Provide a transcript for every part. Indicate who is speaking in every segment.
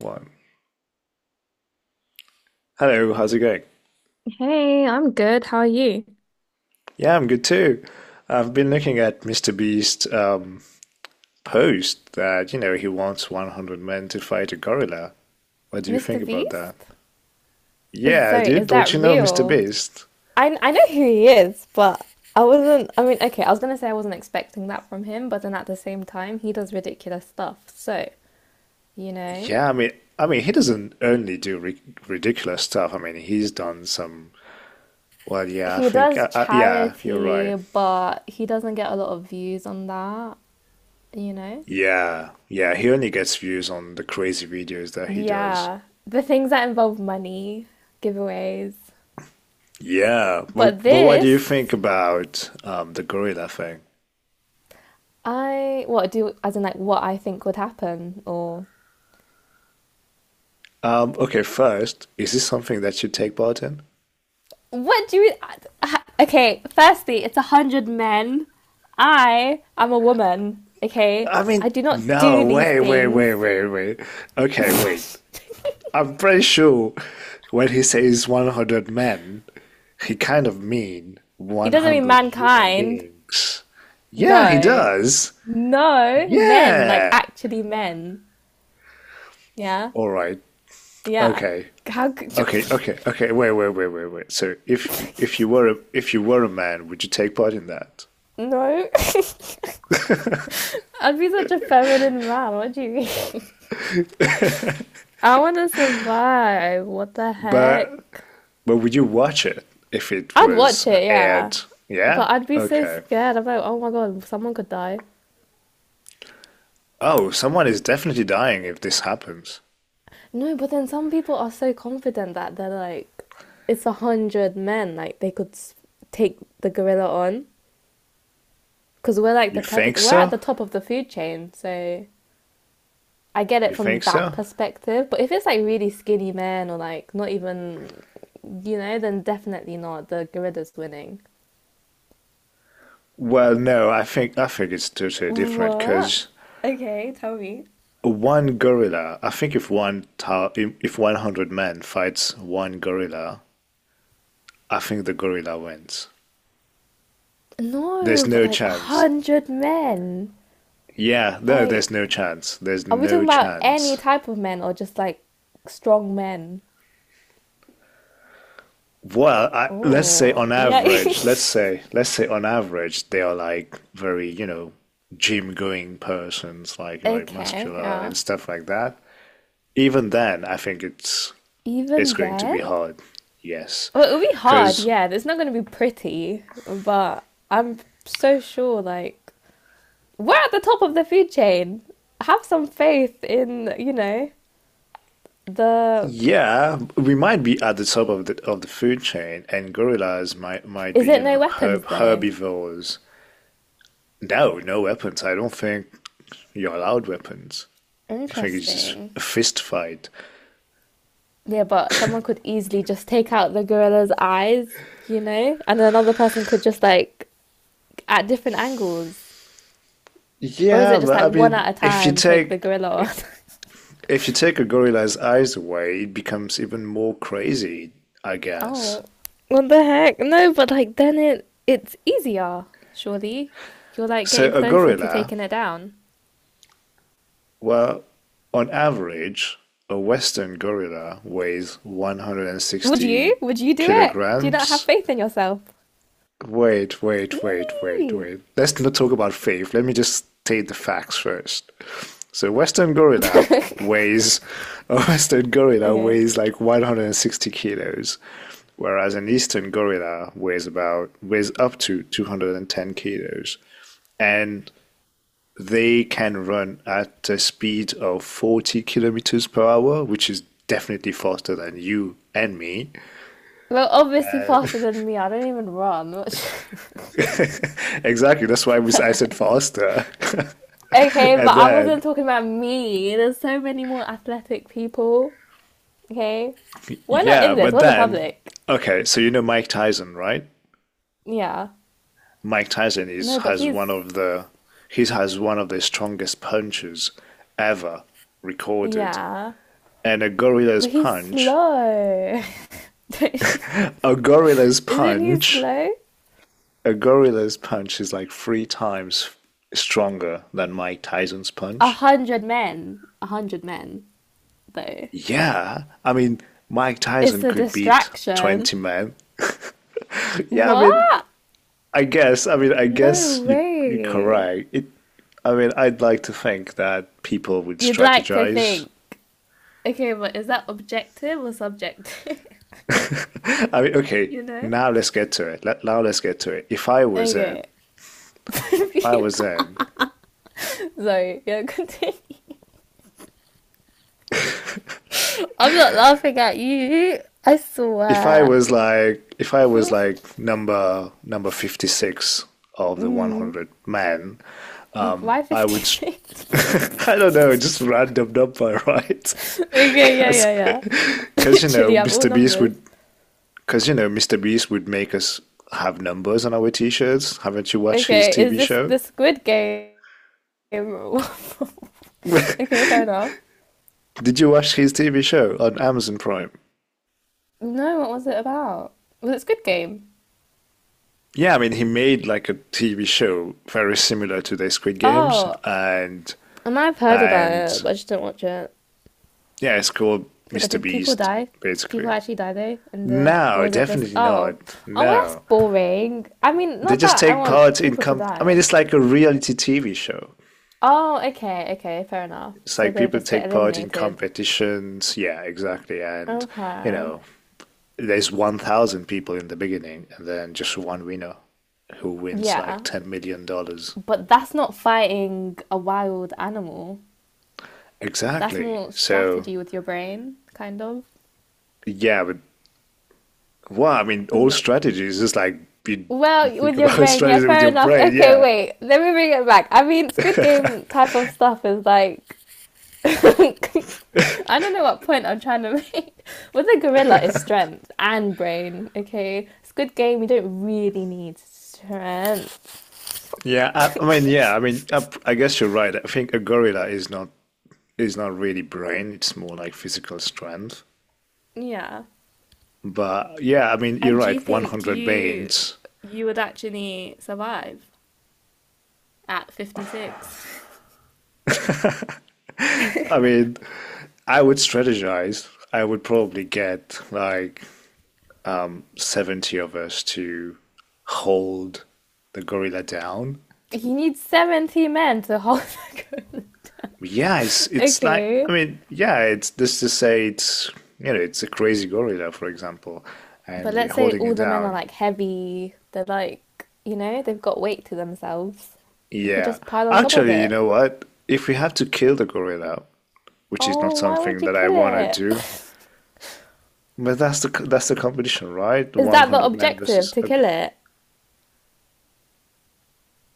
Speaker 1: One. Hello, how's it going?
Speaker 2: Hey, I'm good. How are you?
Speaker 1: Yeah, I'm good too. I've been looking at Mr. Beast's post that, you know, he wants 100 men to fight a gorilla. What do you
Speaker 2: Mr.
Speaker 1: think about that?
Speaker 2: Beast? Is
Speaker 1: Yeah,
Speaker 2: sorry,
Speaker 1: dude,
Speaker 2: is
Speaker 1: don't
Speaker 2: that
Speaker 1: you know Mr.
Speaker 2: real?
Speaker 1: Beast?
Speaker 2: I know who he is, but I wasn't I mean, okay, I was gonna say I wasn't expecting that from him, but then at the same time, he does ridiculous stuff. So, you know,
Speaker 1: Yeah, I mean, I mean, he doesn't only do ri ridiculous stuff. I mean, he's done some. Well, yeah, I
Speaker 2: he
Speaker 1: think,
Speaker 2: does
Speaker 1: yeah, you're
Speaker 2: charity,
Speaker 1: right.
Speaker 2: but he doesn't get a lot of views on that, you know?
Speaker 1: Yeah, yeah, he only gets views on the crazy videos that he does.
Speaker 2: Yeah, the things that involve money, giveaways.
Speaker 1: Yeah, well,
Speaker 2: But
Speaker 1: but what do you think
Speaker 2: this,
Speaker 1: about the gorilla thing?
Speaker 2: I what do as in like what I think would happen or
Speaker 1: Okay, first, is this something that you take part in?
Speaker 2: what do you. Okay, firstly, it's 100 men. I am a woman, okay?
Speaker 1: I mean,
Speaker 2: I do not
Speaker 1: no,
Speaker 2: do these
Speaker 1: wait, wait, wait,
Speaker 2: things.
Speaker 1: wait, wait. Okay, wait. I'm pretty sure when he says 100 men, he kind of mean
Speaker 2: It doesn't mean
Speaker 1: 100 human
Speaker 2: mankind.
Speaker 1: beings. Yeah, he
Speaker 2: No.
Speaker 1: does.
Speaker 2: No, men, like
Speaker 1: Yeah.
Speaker 2: actually men. Yeah?
Speaker 1: All right.
Speaker 2: Yeah.
Speaker 1: Okay.
Speaker 2: How could you.
Speaker 1: Okay, okay, okay. Wait, wait, wait, wait, wait. So if you were if you were a man, would you take part in that?
Speaker 2: No. I'd be such a feminine man. What do you mean? I want to survive. What the
Speaker 1: But
Speaker 2: heck?
Speaker 1: But would you watch it if it
Speaker 2: I'd watch
Speaker 1: was
Speaker 2: it, yeah.
Speaker 1: aired? Yeah?
Speaker 2: But I'd be so
Speaker 1: Okay.
Speaker 2: scared. I'm like, oh my god, someone could die.
Speaker 1: Oh, someone is definitely dying if this happens.
Speaker 2: No, but then some people are so confident that they're like, it's 100 men, like they could take the gorilla on. Because we're like
Speaker 1: You
Speaker 2: the
Speaker 1: think
Speaker 2: predator, we're at
Speaker 1: so?
Speaker 2: the top of the food chain, so I get
Speaker 1: You
Speaker 2: it from
Speaker 1: think
Speaker 2: that
Speaker 1: so?
Speaker 2: perspective. But if it's like really skinny men or like not even, you know, then definitely not. The gorilla's winning.
Speaker 1: Well, no, I think it's totally different
Speaker 2: What?
Speaker 1: because
Speaker 2: Okay, tell me.
Speaker 1: one gorilla. I think if 100 men fights one gorilla, I think the gorilla wins. There's
Speaker 2: No, but
Speaker 1: no
Speaker 2: like a
Speaker 1: chance.
Speaker 2: hundred men.
Speaker 1: Yeah, no,
Speaker 2: Like,
Speaker 1: there's no chance. There's
Speaker 2: are we
Speaker 1: no
Speaker 2: talking about any
Speaker 1: chance.
Speaker 2: type of men or just like strong men?
Speaker 1: Well, let's say
Speaker 2: Oh,
Speaker 1: on
Speaker 2: yeah.
Speaker 1: average, let's say, let's say on average, they are like very, you know, gym going persons, like, you know, like
Speaker 2: Okay,
Speaker 1: muscular
Speaker 2: yeah.
Speaker 1: and stuff like that. Even then, I think it's
Speaker 2: Even
Speaker 1: going to
Speaker 2: then?
Speaker 1: be hard. Yes.
Speaker 2: Well, it'll be hard,
Speaker 1: Because
Speaker 2: yeah. It's not going to be pretty, but I'm so sure, like, we're at the top of the food chain. Have some faith in, you know, the.
Speaker 1: yeah, we might be at the top of the food chain, and gorillas might
Speaker 2: Is
Speaker 1: be, you
Speaker 2: it
Speaker 1: know,
Speaker 2: no weapons, though?
Speaker 1: herbivores. No, no weapons. I don't think you're allowed weapons. I think it's just
Speaker 2: Interesting.
Speaker 1: a fist fight.
Speaker 2: Yeah, but someone could easily just take out the gorilla's eyes, you know? And another person could just, like, at different angles. Or is
Speaker 1: Yeah,
Speaker 2: it just
Speaker 1: but
Speaker 2: like
Speaker 1: I
Speaker 2: one
Speaker 1: mean,
Speaker 2: at a time take the gorilla on?
Speaker 1: if you take a gorilla's eyes away, it becomes even more crazy, I guess.
Speaker 2: Oh, what the heck? No, but like then it's easier, surely. You're like
Speaker 1: So
Speaker 2: getting
Speaker 1: a
Speaker 2: closer to
Speaker 1: gorilla,
Speaker 2: taking it down.
Speaker 1: well, on average, a Western gorilla weighs
Speaker 2: Would you?
Speaker 1: 160
Speaker 2: Would you do it? Do you not have
Speaker 1: kilograms.
Speaker 2: faith in yourself?
Speaker 1: Wait, wait, wait, wait,
Speaker 2: Eee.
Speaker 1: wait. Let's not talk about faith. Let me just state the facts first. So Western gorilla weighs a Western gorilla
Speaker 2: Okay.
Speaker 1: weighs like 160 kilos, whereas an Eastern gorilla weighs up to 210 kilos. And they can run at a speed of 40 kilometers per hour, which is definitely faster than you and me.
Speaker 2: Well, obviously
Speaker 1: Uh,
Speaker 2: faster than me. I don't even run. Which...
Speaker 1: Exactly. That's why I said faster.
Speaker 2: Okay,
Speaker 1: And
Speaker 2: but I
Speaker 1: then,
Speaker 2: wasn't talking about me. There's so many more athletic people. Okay, we're not
Speaker 1: yeah,
Speaker 2: in this.
Speaker 1: but
Speaker 2: We're the
Speaker 1: then,
Speaker 2: public.
Speaker 1: okay, so you know Mike Tyson, right?
Speaker 2: Yeah.
Speaker 1: Mike Tyson is
Speaker 2: No, but
Speaker 1: has one
Speaker 2: he's
Speaker 1: of the He has one of the strongest punches ever recorded.
Speaker 2: yeah.
Speaker 1: And
Speaker 2: But he's slow.
Speaker 1: a gorilla's
Speaker 2: Isn't he
Speaker 1: punch,
Speaker 2: slow?
Speaker 1: a gorilla's punch is like three times stronger than Mike Tyson's
Speaker 2: A
Speaker 1: punch.
Speaker 2: hundred men. 100 men, though.
Speaker 1: Yeah, I mean, Mike Tyson
Speaker 2: It's a
Speaker 1: could beat
Speaker 2: distraction.
Speaker 1: 20 men. Yeah, I mean,
Speaker 2: What?
Speaker 1: I mean, I
Speaker 2: No
Speaker 1: guess you you're
Speaker 2: way.
Speaker 1: correct. It, I mean, I'd like to think that people would
Speaker 2: You'd like to
Speaker 1: strategize.
Speaker 2: think. Okay, but is that objective or subjective?
Speaker 1: I mean, okay,
Speaker 2: You know?
Speaker 1: now let's get to it.
Speaker 2: Okay.
Speaker 1: If I was in,
Speaker 2: Sorry, yeah, continue. I'm not laughing at you. I
Speaker 1: if I
Speaker 2: swear.
Speaker 1: was like, if I was like number 56 of the
Speaker 2: Mm.
Speaker 1: 100 men,
Speaker 2: Like, why
Speaker 1: I would, s-
Speaker 2: 56?
Speaker 1: I don't know, just random number, right?
Speaker 2: Okay, yeah, yeah, yeah.
Speaker 1: Because, you know,
Speaker 2: Literally, I'm all
Speaker 1: Mr. Beast
Speaker 2: numbers.
Speaker 1: would Because, you know, Mr. Beast would make us have numbers on our t-shirts. Haven't you watched his
Speaker 2: Okay, is
Speaker 1: TV
Speaker 2: this
Speaker 1: show?
Speaker 2: the Squid Game? Okay, fair enough.
Speaker 1: Did you watch his TV show on Amazon Prime?
Speaker 2: No, what was it about? Was it Squid Game?
Speaker 1: Yeah, I mean, he made like a TV show very similar to the Squid Games,
Speaker 2: Oh,
Speaker 1: and
Speaker 2: I might have heard about
Speaker 1: and
Speaker 2: it, but I just didn't watch it.
Speaker 1: yeah, it's called
Speaker 2: Okay, but
Speaker 1: Mr.
Speaker 2: did people
Speaker 1: Beast,
Speaker 2: die? Did people
Speaker 1: basically.
Speaker 2: actually die though? In the or
Speaker 1: No,
Speaker 2: was it just
Speaker 1: definitely
Speaker 2: oh,
Speaker 1: not.
Speaker 2: oh well, that's
Speaker 1: No,
Speaker 2: boring. I mean,
Speaker 1: they
Speaker 2: not
Speaker 1: just
Speaker 2: that I
Speaker 1: take
Speaker 2: want
Speaker 1: part in
Speaker 2: people to
Speaker 1: com. I mean,
Speaker 2: die.
Speaker 1: it's like a reality TV show.
Speaker 2: Oh, okay, okay, fair enough.
Speaker 1: It's
Speaker 2: So
Speaker 1: like
Speaker 2: they would
Speaker 1: people
Speaker 2: just get
Speaker 1: take part in
Speaker 2: eliminated.
Speaker 1: competitions. Yeah, exactly, and you
Speaker 2: Okay.
Speaker 1: know, there's 1,000 people in the beginning, and then just one winner who wins like
Speaker 2: Yeah.
Speaker 1: $10 million. Dollars.
Speaker 2: But that's not fighting a wild animal. That's
Speaker 1: Exactly.
Speaker 2: more
Speaker 1: So,
Speaker 2: strategy with your brain, kind of.
Speaker 1: yeah, but wow, I mean, all strategies is like you, you
Speaker 2: Well,
Speaker 1: think
Speaker 2: with your
Speaker 1: about
Speaker 2: brain, yeah,
Speaker 1: strategy with
Speaker 2: fair
Speaker 1: your
Speaker 2: enough.
Speaker 1: brain.
Speaker 2: Okay,
Speaker 1: Yeah.
Speaker 2: wait, let me bring it back. I mean, Squid Game type of stuff is like. I don't know what point I'm trying to make. With a gorilla, is strength and brain, okay? Squid Game, you don't really need strength.
Speaker 1: Yeah. I mean, I guess you're right. I think a gorilla is not really brain, it's more like physical strength.
Speaker 2: Yeah.
Speaker 1: But yeah, I mean, you're
Speaker 2: And do you
Speaker 1: right,
Speaker 2: think
Speaker 1: 100
Speaker 2: you
Speaker 1: Banes.
Speaker 2: you would actually survive at 56?
Speaker 1: I mean, I would strategize. I would probably get like 70 of us to hold the gorilla down.
Speaker 2: He needs 70 men to hold the gun. Okay.
Speaker 1: Yeah, it's just to say it's you know it's a crazy gorilla, for example, and
Speaker 2: But
Speaker 1: we're
Speaker 2: let's say
Speaker 1: holding
Speaker 2: all
Speaker 1: it
Speaker 2: the men are
Speaker 1: down.
Speaker 2: like heavy, they're like, you know, they've got weight to themselves. You could
Speaker 1: Yeah,
Speaker 2: just pile on top of
Speaker 1: actually, you
Speaker 2: it.
Speaker 1: know what? If we have to kill the gorilla, which is not
Speaker 2: Oh, why would
Speaker 1: something
Speaker 2: you
Speaker 1: that I
Speaker 2: kill
Speaker 1: want to
Speaker 2: it?
Speaker 1: do, but that's the competition, right?
Speaker 2: Is that the
Speaker 1: 100 men
Speaker 2: objective
Speaker 1: versus.
Speaker 2: to kill it?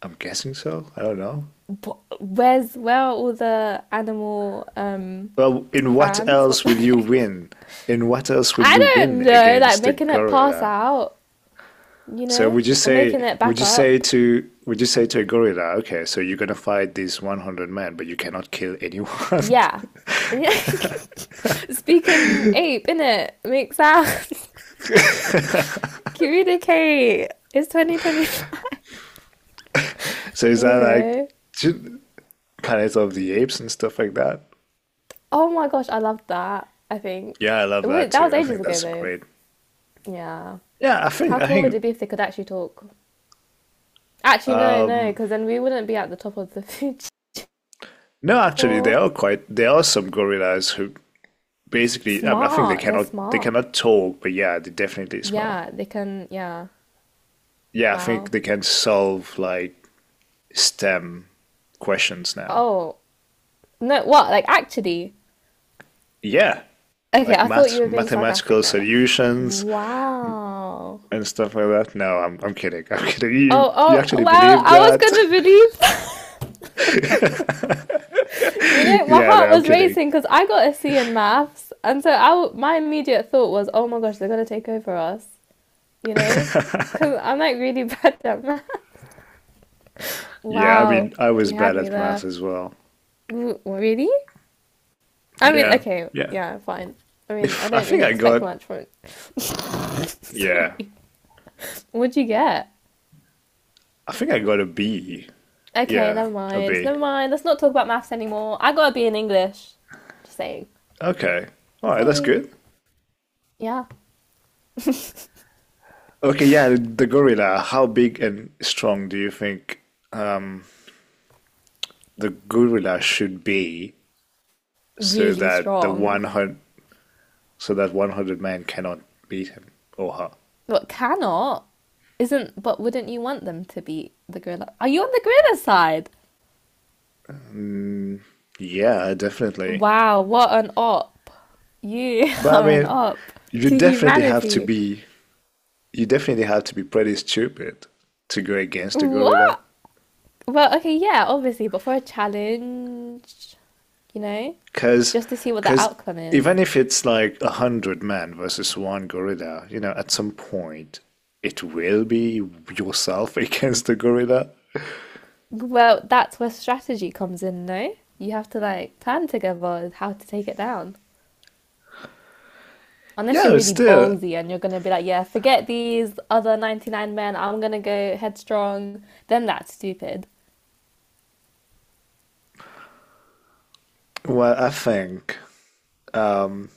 Speaker 1: I'm guessing so. I don't know.
Speaker 2: But where are all the animal
Speaker 1: Well, in what
Speaker 2: fans? What
Speaker 1: else
Speaker 2: the
Speaker 1: will you
Speaker 2: heck?
Speaker 1: win? In what else will
Speaker 2: I
Speaker 1: you win
Speaker 2: don't know, like
Speaker 1: against a
Speaker 2: making it pass
Speaker 1: gorilla?
Speaker 2: out, you
Speaker 1: So
Speaker 2: know, or making it back up.
Speaker 1: would you say to a gorilla, okay, so you're gonna fight these 100 men, but you cannot kill anyone?
Speaker 2: Yeah. Yeah. Speaking ape, innit? Makes sense. Communicate. It's 2025.
Speaker 1: So is
Speaker 2: You
Speaker 1: that like
Speaker 2: know?
Speaker 1: ju- Planet of the Apes and stuff like that?
Speaker 2: Oh my gosh, I loved that, I think.
Speaker 1: Yeah, I love that
Speaker 2: Wait, that
Speaker 1: too.
Speaker 2: was
Speaker 1: I
Speaker 2: ages
Speaker 1: think
Speaker 2: ago
Speaker 1: that's a
Speaker 2: though.
Speaker 1: great.
Speaker 2: Yeah.
Speaker 1: Yeah,
Speaker 2: How
Speaker 1: I
Speaker 2: cool would
Speaker 1: think
Speaker 2: it be if they could actually talk? Actually, no, no,
Speaker 1: um
Speaker 2: because then we wouldn't be at the top of the food chain.
Speaker 1: no, actually
Speaker 2: Or-
Speaker 1: there are some gorillas who basically, I think
Speaker 2: Smart. They're
Speaker 1: they
Speaker 2: smart.
Speaker 1: cannot talk, but yeah, they definitely smell.
Speaker 2: Yeah, they can. Yeah.
Speaker 1: Yeah, I think
Speaker 2: Wow.
Speaker 1: they can solve like STEM questions now.
Speaker 2: Oh, no, what? Like, actually.
Speaker 1: Yeah,
Speaker 2: Okay,
Speaker 1: like
Speaker 2: I thought you were being
Speaker 1: mathematical
Speaker 2: sarcastic right now.
Speaker 1: solutions
Speaker 2: Wow.
Speaker 1: and stuff like that. No, I'm kidding. I'm kidding.
Speaker 2: Oh,
Speaker 1: You
Speaker 2: oh,
Speaker 1: actually
Speaker 2: well,
Speaker 1: believe
Speaker 2: I was
Speaker 1: that?
Speaker 2: gonna believe, you know, my
Speaker 1: Yeah, no,
Speaker 2: heart
Speaker 1: I'm
Speaker 2: was
Speaker 1: kidding.
Speaker 2: racing because I got a C in maths, and so my immediate thought was, oh my gosh, they're gonna take over us, you know, because I'm like really bad at math.
Speaker 1: Yeah, I mean,
Speaker 2: Wow,
Speaker 1: I was
Speaker 2: you
Speaker 1: bad
Speaker 2: had me
Speaker 1: at math
Speaker 2: there.
Speaker 1: as well.
Speaker 2: Really? I mean,
Speaker 1: Yeah,
Speaker 2: okay,
Speaker 1: yeah.
Speaker 2: yeah, fine. I mean, I
Speaker 1: If I
Speaker 2: don't
Speaker 1: think
Speaker 2: really
Speaker 1: I
Speaker 2: expect
Speaker 1: got
Speaker 2: much from
Speaker 1: yeah,
Speaker 2: it. What'd you get?
Speaker 1: I think I got a B.
Speaker 2: Okay,
Speaker 1: Yeah,
Speaker 2: never
Speaker 1: a
Speaker 2: mind,
Speaker 1: B.
Speaker 2: never mind. Let's not talk about maths anymore. I got a B in English. Just saying.
Speaker 1: Okay. All
Speaker 2: Just
Speaker 1: right, that's
Speaker 2: saying.
Speaker 1: good.
Speaker 2: Yeah.
Speaker 1: Okay, yeah, the gorilla. How big and strong do you think the gorilla should be so
Speaker 2: Really
Speaker 1: that
Speaker 2: strong,
Speaker 1: the 100 so that 100 men cannot beat him or her?
Speaker 2: but cannot isn't. But wouldn't you want them to be the gorilla? Are you on the gorilla side?
Speaker 1: Mm. Yeah, definitely.
Speaker 2: Wow, what an op! You
Speaker 1: But I
Speaker 2: are an
Speaker 1: mean,
Speaker 2: op
Speaker 1: you
Speaker 2: to
Speaker 1: definitely have to
Speaker 2: humanity.
Speaker 1: be you definitely have to be pretty stupid to go against a gorilla.
Speaker 2: What? Well, okay, yeah, obviously, but for a challenge, you know,
Speaker 1: because
Speaker 2: just to see what the
Speaker 1: because
Speaker 2: outcome is.
Speaker 1: even if it's like a hundred men versus one gorilla, you know, at some point it will be yourself against the gorilla.
Speaker 2: Well, that's where strategy comes in, no? You have to like plan together how to take it down. Unless
Speaker 1: Yeah,
Speaker 2: you're
Speaker 1: it's
Speaker 2: really
Speaker 1: still,
Speaker 2: ballsy and you're going to be like, yeah, forget these other 99 men, I'm going to go headstrong, then that's stupid.
Speaker 1: well, I think. Um,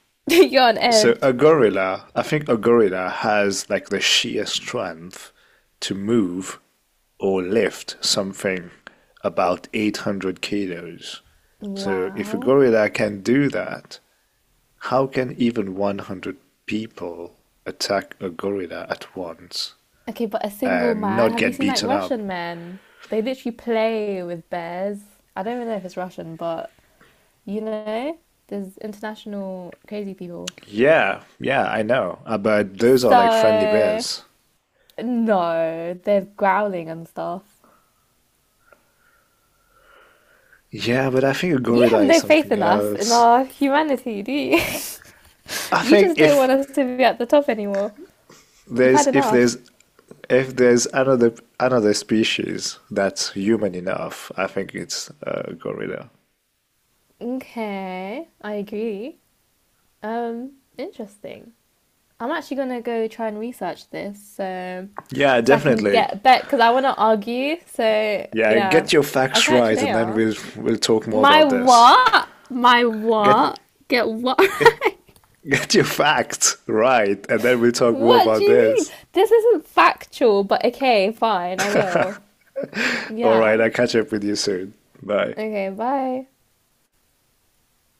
Speaker 2: You're on
Speaker 1: so
Speaker 2: edge.
Speaker 1: a gorilla, I think a gorilla has like the sheer strength to move or lift something about 800 kilos. So if a
Speaker 2: Wow.
Speaker 1: gorilla can do that, how can even 100 people attack a gorilla at once
Speaker 2: Okay, but a single
Speaker 1: and
Speaker 2: man,
Speaker 1: not
Speaker 2: have you
Speaker 1: get
Speaker 2: seen like
Speaker 1: beaten up?
Speaker 2: Russian men? They literally play with bears. I don't even know if it's Russian, but you know, there's international crazy people.
Speaker 1: Yeah, yeah, I know. But those are like friendly
Speaker 2: So,
Speaker 1: bears.
Speaker 2: no, they're growling and stuff.
Speaker 1: Yeah, but I think a
Speaker 2: You have
Speaker 1: gorilla is
Speaker 2: no faith
Speaker 1: something
Speaker 2: in us, in
Speaker 1: else.
Speaker 2: our humanity, do you?
Speaker 1: I
Speaker 2: You
Speaker 1: think
Speaker 2: just don't
Speaker 1: if
Speaker 2: want us to be at the top anymore. You've
Speaker 1: there's
Speaker 2: had
Speaker 1: if
Speaker 2: enough.
Speaker 1: there's another species that's human enough, I think it's a gorilla.
Speaker 2: Okay, I agree. Interesting. I'm actually gonna go try and research this so
Speaker 1: Yeah,
Speaker 2: so I can
Speaker 1: definitely.
Speaker 2: get back because I want to argue. So
Speaker 1: Yeah,
Speaker 2: yeah,
Speaker 1: get your
Speaker 2: I'll
Speaker 1: facts
Speaker 2: catch you
Speaker 1: right, and then
Speaker 2: later.
Speaker 1: we'll talk more
Speaker 2: My
Speaker 1: about this.
Speaker 2: what? My
Speaker 1: Get
Speaker 2: what? Get what?
Speaker 1: get
Speaker 2: Right?
Speaker 1: Get your facts right, and then we'll talk more
Speaker 2: What do
Speaker 1: about
Speaker 2: you mean?
Speaker 1: this.
Speaker 2: This isn't factual, but okay, fine, I will.
Speaker 1: All right,
Speaker 2: Yeah.
Speaker 1: I'll catch up with you soon. Bye.
Speaker 2: Okay, bye.